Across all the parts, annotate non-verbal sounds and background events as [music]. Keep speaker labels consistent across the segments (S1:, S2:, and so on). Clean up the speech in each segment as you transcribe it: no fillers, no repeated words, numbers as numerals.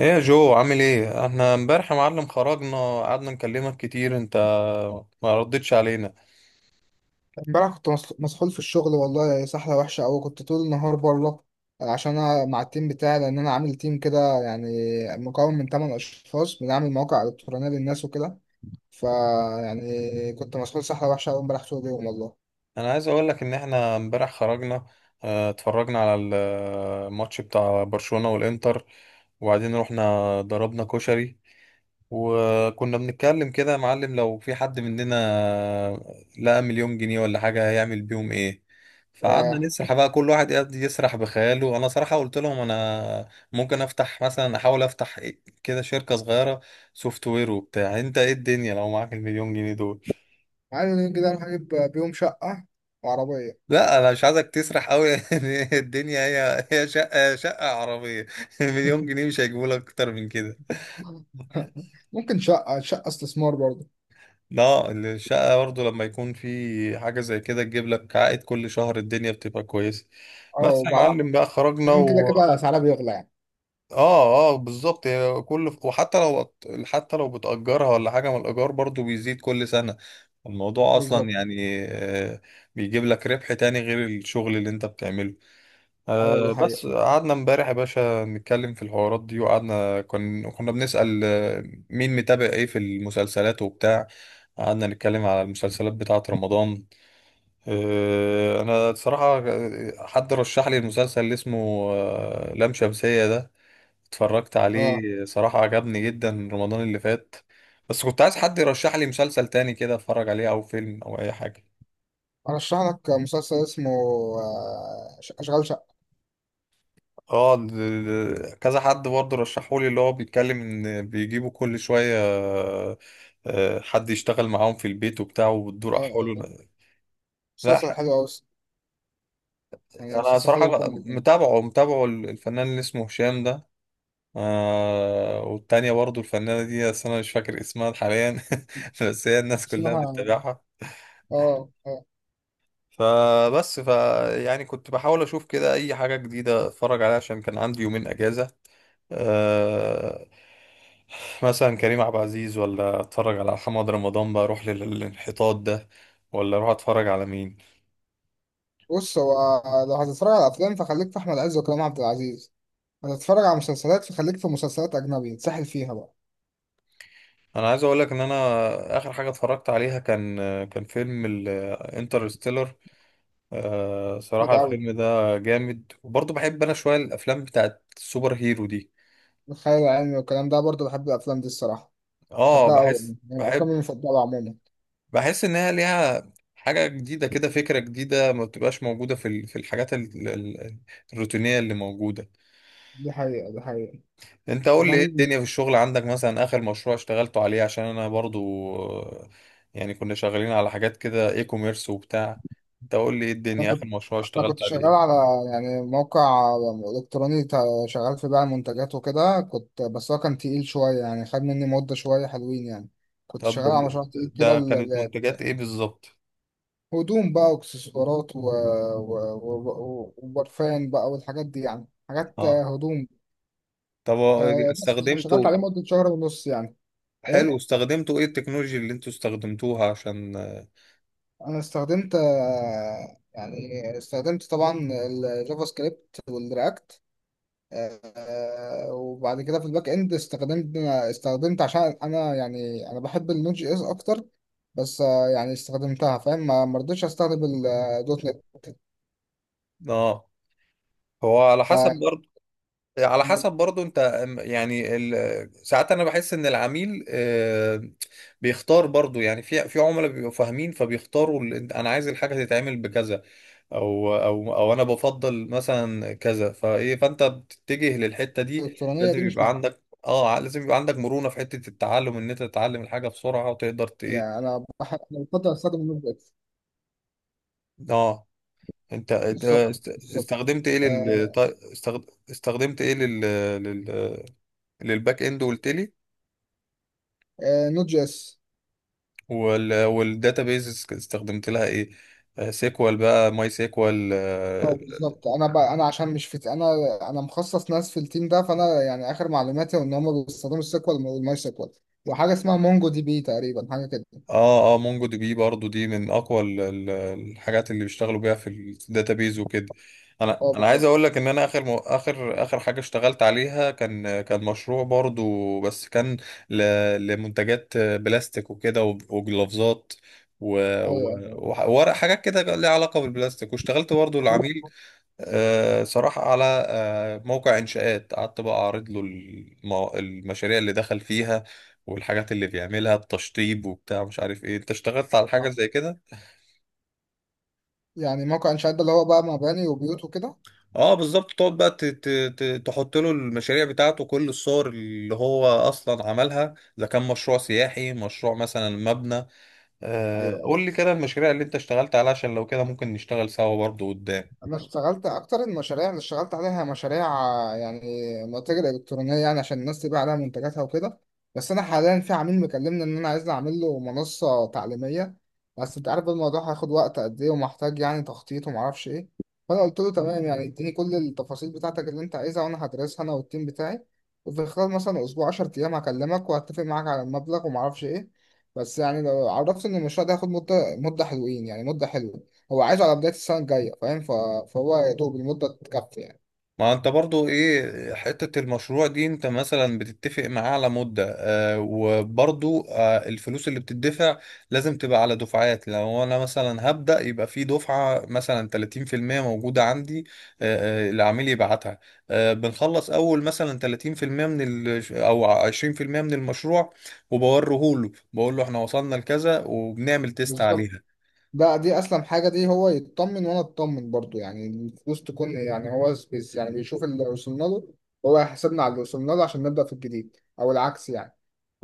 S1: ايه يا جو؟ عامل ايه؟ احنا امبارح يا معلم خرجنا، قعدنا نكلمك كتير انت ما ردتش علينا.
S2: امبارح كنت مسحول في الشغل، والله سحلة وحشة أوي. كنت طول النهار بره عشان أنا مع التيم بتاعي، لأن أنا عامل تيم كده، يعني مكون من تمن أشخاص بنعمل مواقع إلكترونية للناس وكده. فيعني كنت مسحول سحلة وحشة أوي امبارح طول اليوم والله.
S1: انا عايز اقول لك ان احنا امبارح خرجنا، اتفرجنا على الماتش بتاع برشلونة والانتر، وبعدين رحنا ضربنا كشري، وكنا بنتكلم كده يا معلم لو في حد مننا لقى مليون جنيه ولا حاجة هيعمل بيهم ايه. فقعدنا
S2: ياه،
S1: نسرح بقى، كل واحد قاعد يسرح بخياله. انا صراحة قلت لهم انا ممكن افتح مثلا، احاول افتح كده شركة صغيرة سوفت وير وبتاع. انت ايه الدنيا لو معاك المليون جنيه دول؟
S2: عايز كده أروح أجيب بيهم شقة وعربية.
S1: لا انا مش عايزك تسرح قوي [laughs] يعني الدنيا هي شقة، شقة عربية [laughs] مليون جنيه مش هيجيبوا لك اكتر من كده.
S2: ممكن شقة استثمار برضه.
S1: لا الشقة برضه لما يكون في حاجة زي كده تجيب لك عائد كل شهر الدنيا بتبقى كويسة.
S2: أه،
S1: بس يا معلم
S2: وبعدين
S1: بقى خرجنا
S2: كده
S1: و
S2: كده سعرها بيغلى يعني.
S1: اه بالظبط، هي كل وحتى لو، حتى لو بتأجرها ولا حاجة من الإيجار برضه بيزيد كل سنة. الموضوع أصلا
S2: بالظبط.
S1: يعني بيجيب لك ربح تاني غير الشغل اللي أنت بتعمله.
S2: أيوه دي
S1: أه،
S2: حقيقة.
S1: بس قعدنا امبارح يا باشا نتكلم في الحوارات دي، وقعدنا كنا بنسأل مين متابع ايه في المسلسلات وبتاع. قعدنا نتكلم على المسلسلات بتاعة رمضان. أه، انا صراحة حد رشح لي المسلسل اللي اسمه لام شمسية ده، اتفرجت
S2: أه،
S1: عليه صراحة عجبني جدا رمضان اللي فات. بس كنت عايز حد يرشح لي مسلسل تاني كده اتفرج عليه او فيلم او اي حاجة.
S2: أرشح لك مسلسل اسمه أشغال شقة.
S1: اه كذا حد برضه رشحولي، اللي هو بيتكلم ان بيجيبوا كل شوية حد يشتغل معاهم في البيت وبتاع وبتدور
S2: اه،
S1: احواله.
S2: آه.
S1: لا
S2: مسلسل
S1: ح-
S2: حلو أوي الصراحة. يعني
S1: انا
S2: مسلسل حلو
S1: صراحة
S2: وكوميدي كمان.
S1: متابعه الفنان اللي اسمه هشام ده، آه، والتانية برضه الفنانة دي بس انا مش فاكر اسمها حاليا [laughs] بس هي الناس كلها
S2: اسمها.
S1: بتتابعها.
S2: اه اه.
S1: فبس ف يعني كنت بحاول اشوف كده اي حاجه جديده اتفرج عليها عشان كان عندي 2 يومين اجازه. أه، مثلا كريم عبد العزيز، ولا اتفرج على محمد رمضان بقى اروح للانحطاط ده، ولا اروح اتفرج على مين؟
S2: بص، هو لو هتتفرج على أفلام فخليك في أحمد عز وكريم عبد العزيز. هتتفرج على مسلسلات فخليك في مسلسلات أجنبي تسحل فيها بقى.
S1: انا عايز اقول لك ان انا اخر حاجه اتفرجت عليها كان، كان فيلم الانترستيلر. أه صراحه
S2: كده أوي،
S1: الفيلم ده جامد، وبرضه بحب انا شويه الافلام بتاعت السوبر هيرو دي.
S2: الخيال العلمي والكلام ده برضه بحب الأفلام دي الصراحة.
S1: اه
S2: بحبها أوي، يعني
S1: بحس
S2: من الأفلام
S1: بحب
S2: المفضلة عموما.
S1: بحس ان هي ليها حاجه جديده كده، فكره جديده ما بتبقاش موجوده في في الحاجات الروتينيه اللي موجوده.
S2: دي حقيقة دي حقيقة.
S1: انت قول لي ايه
S2: كمان
S1: الدنيا في الشغل عندك؟ مثلا اخر مشروع اشتغلته عليه، عشان انا برضو آه، يعني كنا شغالين على حاجات كده اي كوميرس وبتاع. انت قول لي ايه الدنيا
S2: أنا،
S1: اخر مشروع
S2: انا
S1: اشتغلت
S2: شغال على
S1: عليه؟
S2: يعني موقع الكتروني، شغال في بيع منتجات وكده كنت، بس هو كان تقيل شويه، يعني خد مني مده شويه حلوين يعني. كنت
S1: طب
S2: شغال على مشروع
S1: ده،
S2: تقيل كده
S1: ده كانت منتجات ايه بالظبط؟
S2: هدوم بقى واكسسوارات وبرفان بقى والحاجات دي، يعني حاجات
S1: اه
S2: هدوم.
S1: طب
S2: بس أنا شغلت عليه
S1: استخدمته،
S2: مده شهر ونص يعني.
S1: حلو،
S2: ايه،
S1: استخدمتوا ايه التكنولوجيا اللي انتوا استخدمتوها عشان؟
S2: انا استخدمت يعني استخدمت طبعا الجافا سكريبت والرياكت. وبعد كده في الباك اند استخدمت عشان انا، يعني انا بحب النوت جي اس اكتر. بس يعني استخدمتها فاهم، ما رضيتش استخدم الدوت نت.
S1: اه هو على حسب برضه، على حسب برضو انت يعني ساعات انا بحس ان العميل بيختار برضو. يعني في، في عملاء بيبقوا فاهمين فبيختاروا انا عايز الحاجه تتعمل بكذا، او او انا بفضل مثلا كذا، فايه فانت بتتجه للحته دي.
S2: فالالكترونيه دي
S1: لازم
S2: مش
S1: يبقى عندك لازم يبقى عندك مرونه في حته التعلم ان انت تتعلم الحاجه بسرعه وتقدر
S2: معايا.
S1: ايه.
S2: انا بحب، أنا بفضل استخدم النوت جي اس.
S1: اه انت انت
S2: بالظبط
S1: است-
S2: بالظبط.
S1: استخدمت ايه لل
S2: آه،
S1: طي- استخد- استخدمت ايه لل، لل- للباك اند قلت لي؟
S2: نوت جي اس.
S1: والداتابيز استخدمت لها ايه؟ آه، سيكوال بقى، ماي سيكوال،
S2: اه
S1: اه
S2: بالظبط. انا عشان مش في مخصص ناس في التيم ده، فانا يعني اخر معلوماتي ان هم بيستخدموا السيكوال والماي سيكوال. وحاجه اسمها مونجو دي بي، تقريبا حاجه كده.
S1: اه. آه، مونجو دي بي برضو دي من اقوى الحاجات اللي بيشتغلوا بيها في الداتابيز وكده. انا
S2: اه
S1: انا عايز
S2: بالظبط.
S1: اقول لك ان انا اخر م... اخر اخر حاجه اشتغلت عليها كان، كان مشروع برضو بس كان ل... لمنتجات بلاستيك وكده وجلافزات و... و...
S2: ايوه ايوه.
S1: وورق، حاجات كده ليها علاقه بالبلاستيك. واشتغلت برضو آه، العميل صراحة على موقع إنشاءات، قعدت بقى أعرض له المشاريع اللي دخل فيها والحاجات اللي بيعملها، التشطيب وبتاع مش عارف إيه. أنت اشتغلت على حاجة
S2: آه.
S1: زي كده؟
S2: يعني موقع انشاءات ده اللي هو بقى مباني وبيوت وكده.
S1: أه بالظبط، تقعد بقى تحط له المشاريع بتاعته، كل الصور اللي هو أصلا عملها، إذا كان مشروع سياحي، مشروع مثلا مبنى. قول
S2: ايوه،
S1: لي كده المشاريع اللي أنت اشتغلت عليها، عشان لو كده ممكن نشتغل سوا برضه قدام.
S2: انا اشتغلت اكتر المشاريع اللي اشتغلت عليها مشاريع يعني متاجر الكترونيه، يعني عشان الناس تبيع عليها منتجاتها وكده. بس انا حاليا في عميل مكلمني ان انا عايزني اعمل له منصه تعليميه. بس انت عارف الموضوع هياخد وقت قد ايه، ومحتاج يعني تخطيط ومعرفش ايه. فانا قلت له تمام، يعني اديني كل التفاصيل بتاعتك اللي انت عايزها، وانا هدرسها انا والتيم بتاعي. وفي خلال مثلا اسبوع، 10 ايام هكلمك وهتفق معاك على المبلغ ومعرفش ايه. بس يعني لو عرفت ان المشروع ده هياخد مده حلوين، يعني مده حلوه. هو عايزه على بداية السنة الجاية فاهم. فهو يا دوب المدة تكفي يعني.
S1: ما انت برضو ايه حتة المشروع دي؟ انت مثلا بتتفق معاه على مدة، آه، وبرضو آه الفلوس اللي بتدفع لازم تبقى على دفعات. لو انا مثلا هبدأ يبقى في دفعة مثلا 30% موجودة عندي، العميل يبعتها. آه بنخلص اول مثلا 30% من ال او 20% من المشروع، وبوريه له، بقول له احنا وصلنا لكذا، وبنعمل تيست
S2: بالظبط.
S1: عليها.
S2: دي أسلم حاجة، دي هو يطمن وأنا أطمن برضو. يعني الفلوس تكون، يعني هو بس يعني بيشوف اللي وصلنا له، هو يحاسبنا على اللي وصلنا له عشان نبدأ في الجديد، أو العكس يعني.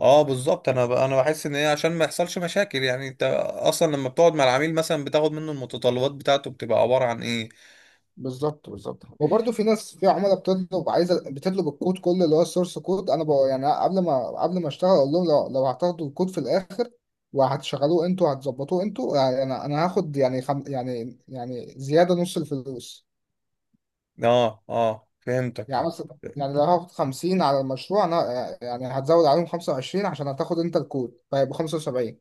S1: اه بالظبط. انا انا بحس ان هي عشان ما يحصلش مشاكل. يعني انت اصلا لما بتقعد مع العميل مثلا بتاخد منه المتطلبات بتاعته بتبقى عبارة عن ايه؟
S2: بالظبط بالظبط. وبرضه في ناس، في عملاء بتطلب، عايزه بتطلب الكود كله اللي هو السورس كود. انا بقى يعني قبل ما اشتغل اقول لهم، لو هتاخدوا الكود في الاخر وهتشغلوه انتوا وهتظبطوه انتوا، يعني انا هاخد يعني خم يعني يعني زياده نص الفلوس.
S1: اه فهمتك.
S2: يعني مثلا يعني لو هاخد 50 على المشروع انا، يعني هتزود عليهم 25 عشان هتاخد انت الكود، فيبقى 75.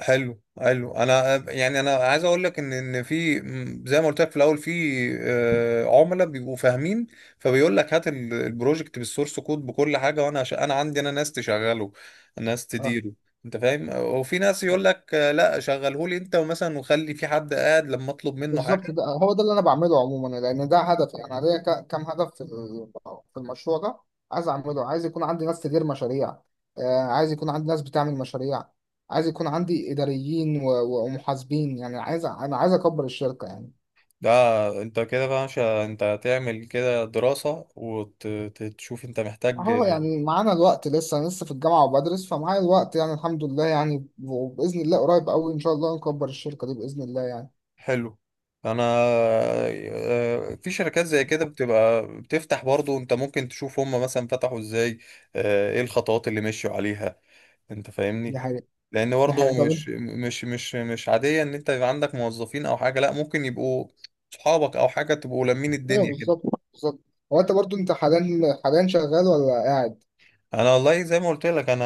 S1: حلو، انا يعني انا عايز اقول لك ان في م، زي ما قلت لك في الاول، في عملاء بيبقوا فاهمين، فبيقول لك هات البروجكت بالسورس كود بكل حاجه، وانا انا عندي انا ناس تشغله، ناس
S2: اه
S1: تديره، انت فاهم. وفي ناس يقول لك آه، لا شغله لي انت، ومثلا وخلي في حد قاعد لما اطلب منه.
S2: بالظبط، ده هو ده اللي انا بعمله عموما لان ده هدف. يعني انا ليا كام هدف في في المشروع ده، عايز اعمله. عايز يكون عندي ناس تدير مشاريع. عايز يكون عندي ناس بتعمل مشاريع. عايز يكون عندي اداريين ومحاسبين، يعني عايز انا عايز اكبر الشركة يعني.
S1: ده انت كده بقى مش انت هتعمل كده دراسة وتشوف انت محتاج.
S2: اهو يعني معانا الوقت لسه، انا لسه في الجامعه وبدرس، فمعايا الوقت يعني الحمد لله يعني. وباذن الله قريب قوي ان شاء الله نكبر الشركه دي باذن الله يعني.
S1: حلو، انا آه، في شركات زي كده بتبقى بتفتح برضو، انت ممكن تشوف هم مثلا فتحوا ازاي، ايه الخطوات اللي مشوا عليها. انت
S2: دي
S1: فاهمني؟
S2: حقيقه
S1: لان
S2: دي حقيقه.
S1: برضو
S2: طب انت
S1: مش عادية ان انت يبقى عندك موظفين او حاجة، لا، ممكن يبقوا صحابك او حاجة، تبقوا لمين؟
S2: [laughs] ايوه
S1: الدنيا كده.
S2: بالظبط. بالظبط. هو انت برضو انت حاليا، شغال ولا قاعد؟
S1: انا والله زي ما قلت لك انا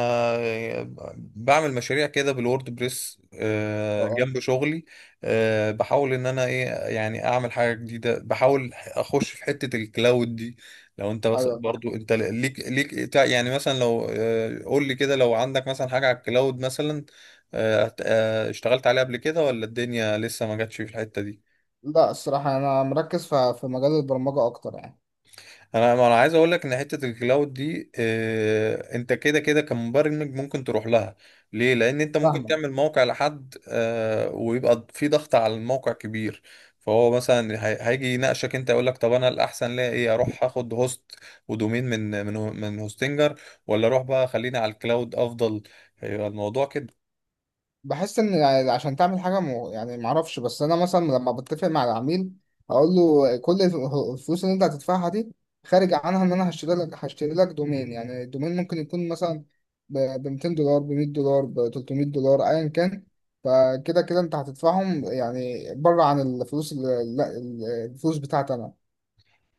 S1: بعمل مشاريع كده بالوورد بريس
S2: اه
S1: جنب شغلي. بحاول ان انا ايه، يعني اعمل حاجه جديده، بحاول اخش في حته الكلاود دي. لو انت
S2: اه،
S1: بس
S2: ايوه فاهم.
S1: برضو انت ليك يعني مثلا لو قول لي كده لو عندك مثلا حاجه على الكلاود مثلا، اشتغلت عليها قبل كده، ولا الدنيا لسه ما جاتش في الحته دي؟
S2: لا الصراحه انا مركز في مجال البرمجه اكتر يعني.
S1: انا ما انا عايز اقول لك ان حته الكلاود دي آه، انت كده كده كمبرمج ممكن تروح لها. ليه؟ لان انت ممكن
S2: فاهمك.
S1: تعمل موقع لحد آه، ويبقى في ضغط على الموقع كبير. فهو مثلا هيجي يناقشك انت، يقول لك طب انا الاحسن ليا ايه، اروح اخد هوست ودومين من هوستنجر، ولا اروح بقى خليني على الكلاود افضل؟ هيبقى الموضوع كده.
S2: بحس ان يعني عشان تعمل حاجه مو، يعني معرفش. بس انا مثلا لما بتفق مع العميل اقول له كل الفلوس اللي انت هتدفعها دي خارج عنها، ان انا هشتري لك دومين. يعني الدومين ممكن يكون مثلا ب $200، ب $100، ب $300، ايا كان. فكده كده انت هتدفعهم يعني بره عن الفلوس، اللي، لا، الفلوس بتاعتي انا.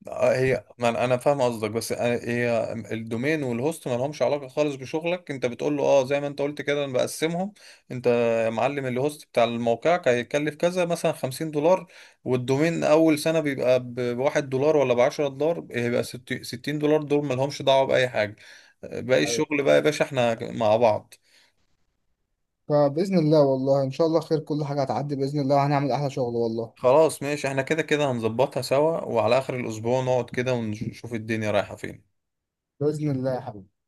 S1: آه، هي ما انا أنا فاهم قصدك بس هي الدومين والهوست ما لهمش علاقه خالص بشغلك، انت بتقول له اه زي ما انت قلت كده انا بقسمهم. انت يا معلم الهوست بتاع موقعك هيكلف كذا مثلا 50 دولار، والدومين اول سنه بيبقى بواحد دولار ولا ب 10 دولار، هيبقى 60 دولار، دول ما لهمش دعوه باي حاجه، باقي
S2: أيوة.
S1: الشغل بقى يا باشا احنا مع بعض.
S2: فباذن الله والله ان شاء الله خير، كل حاجه هتعدي باذن الله، وهنعمل احلى شغل والله.
S1: خلاص ماشي، احنا كده كده هنظبطها سوا، وعلى اخر الاسبوع نقعد كده ونشوف الدنيا رايحه فين.
S2: باذن الله يا حبيبي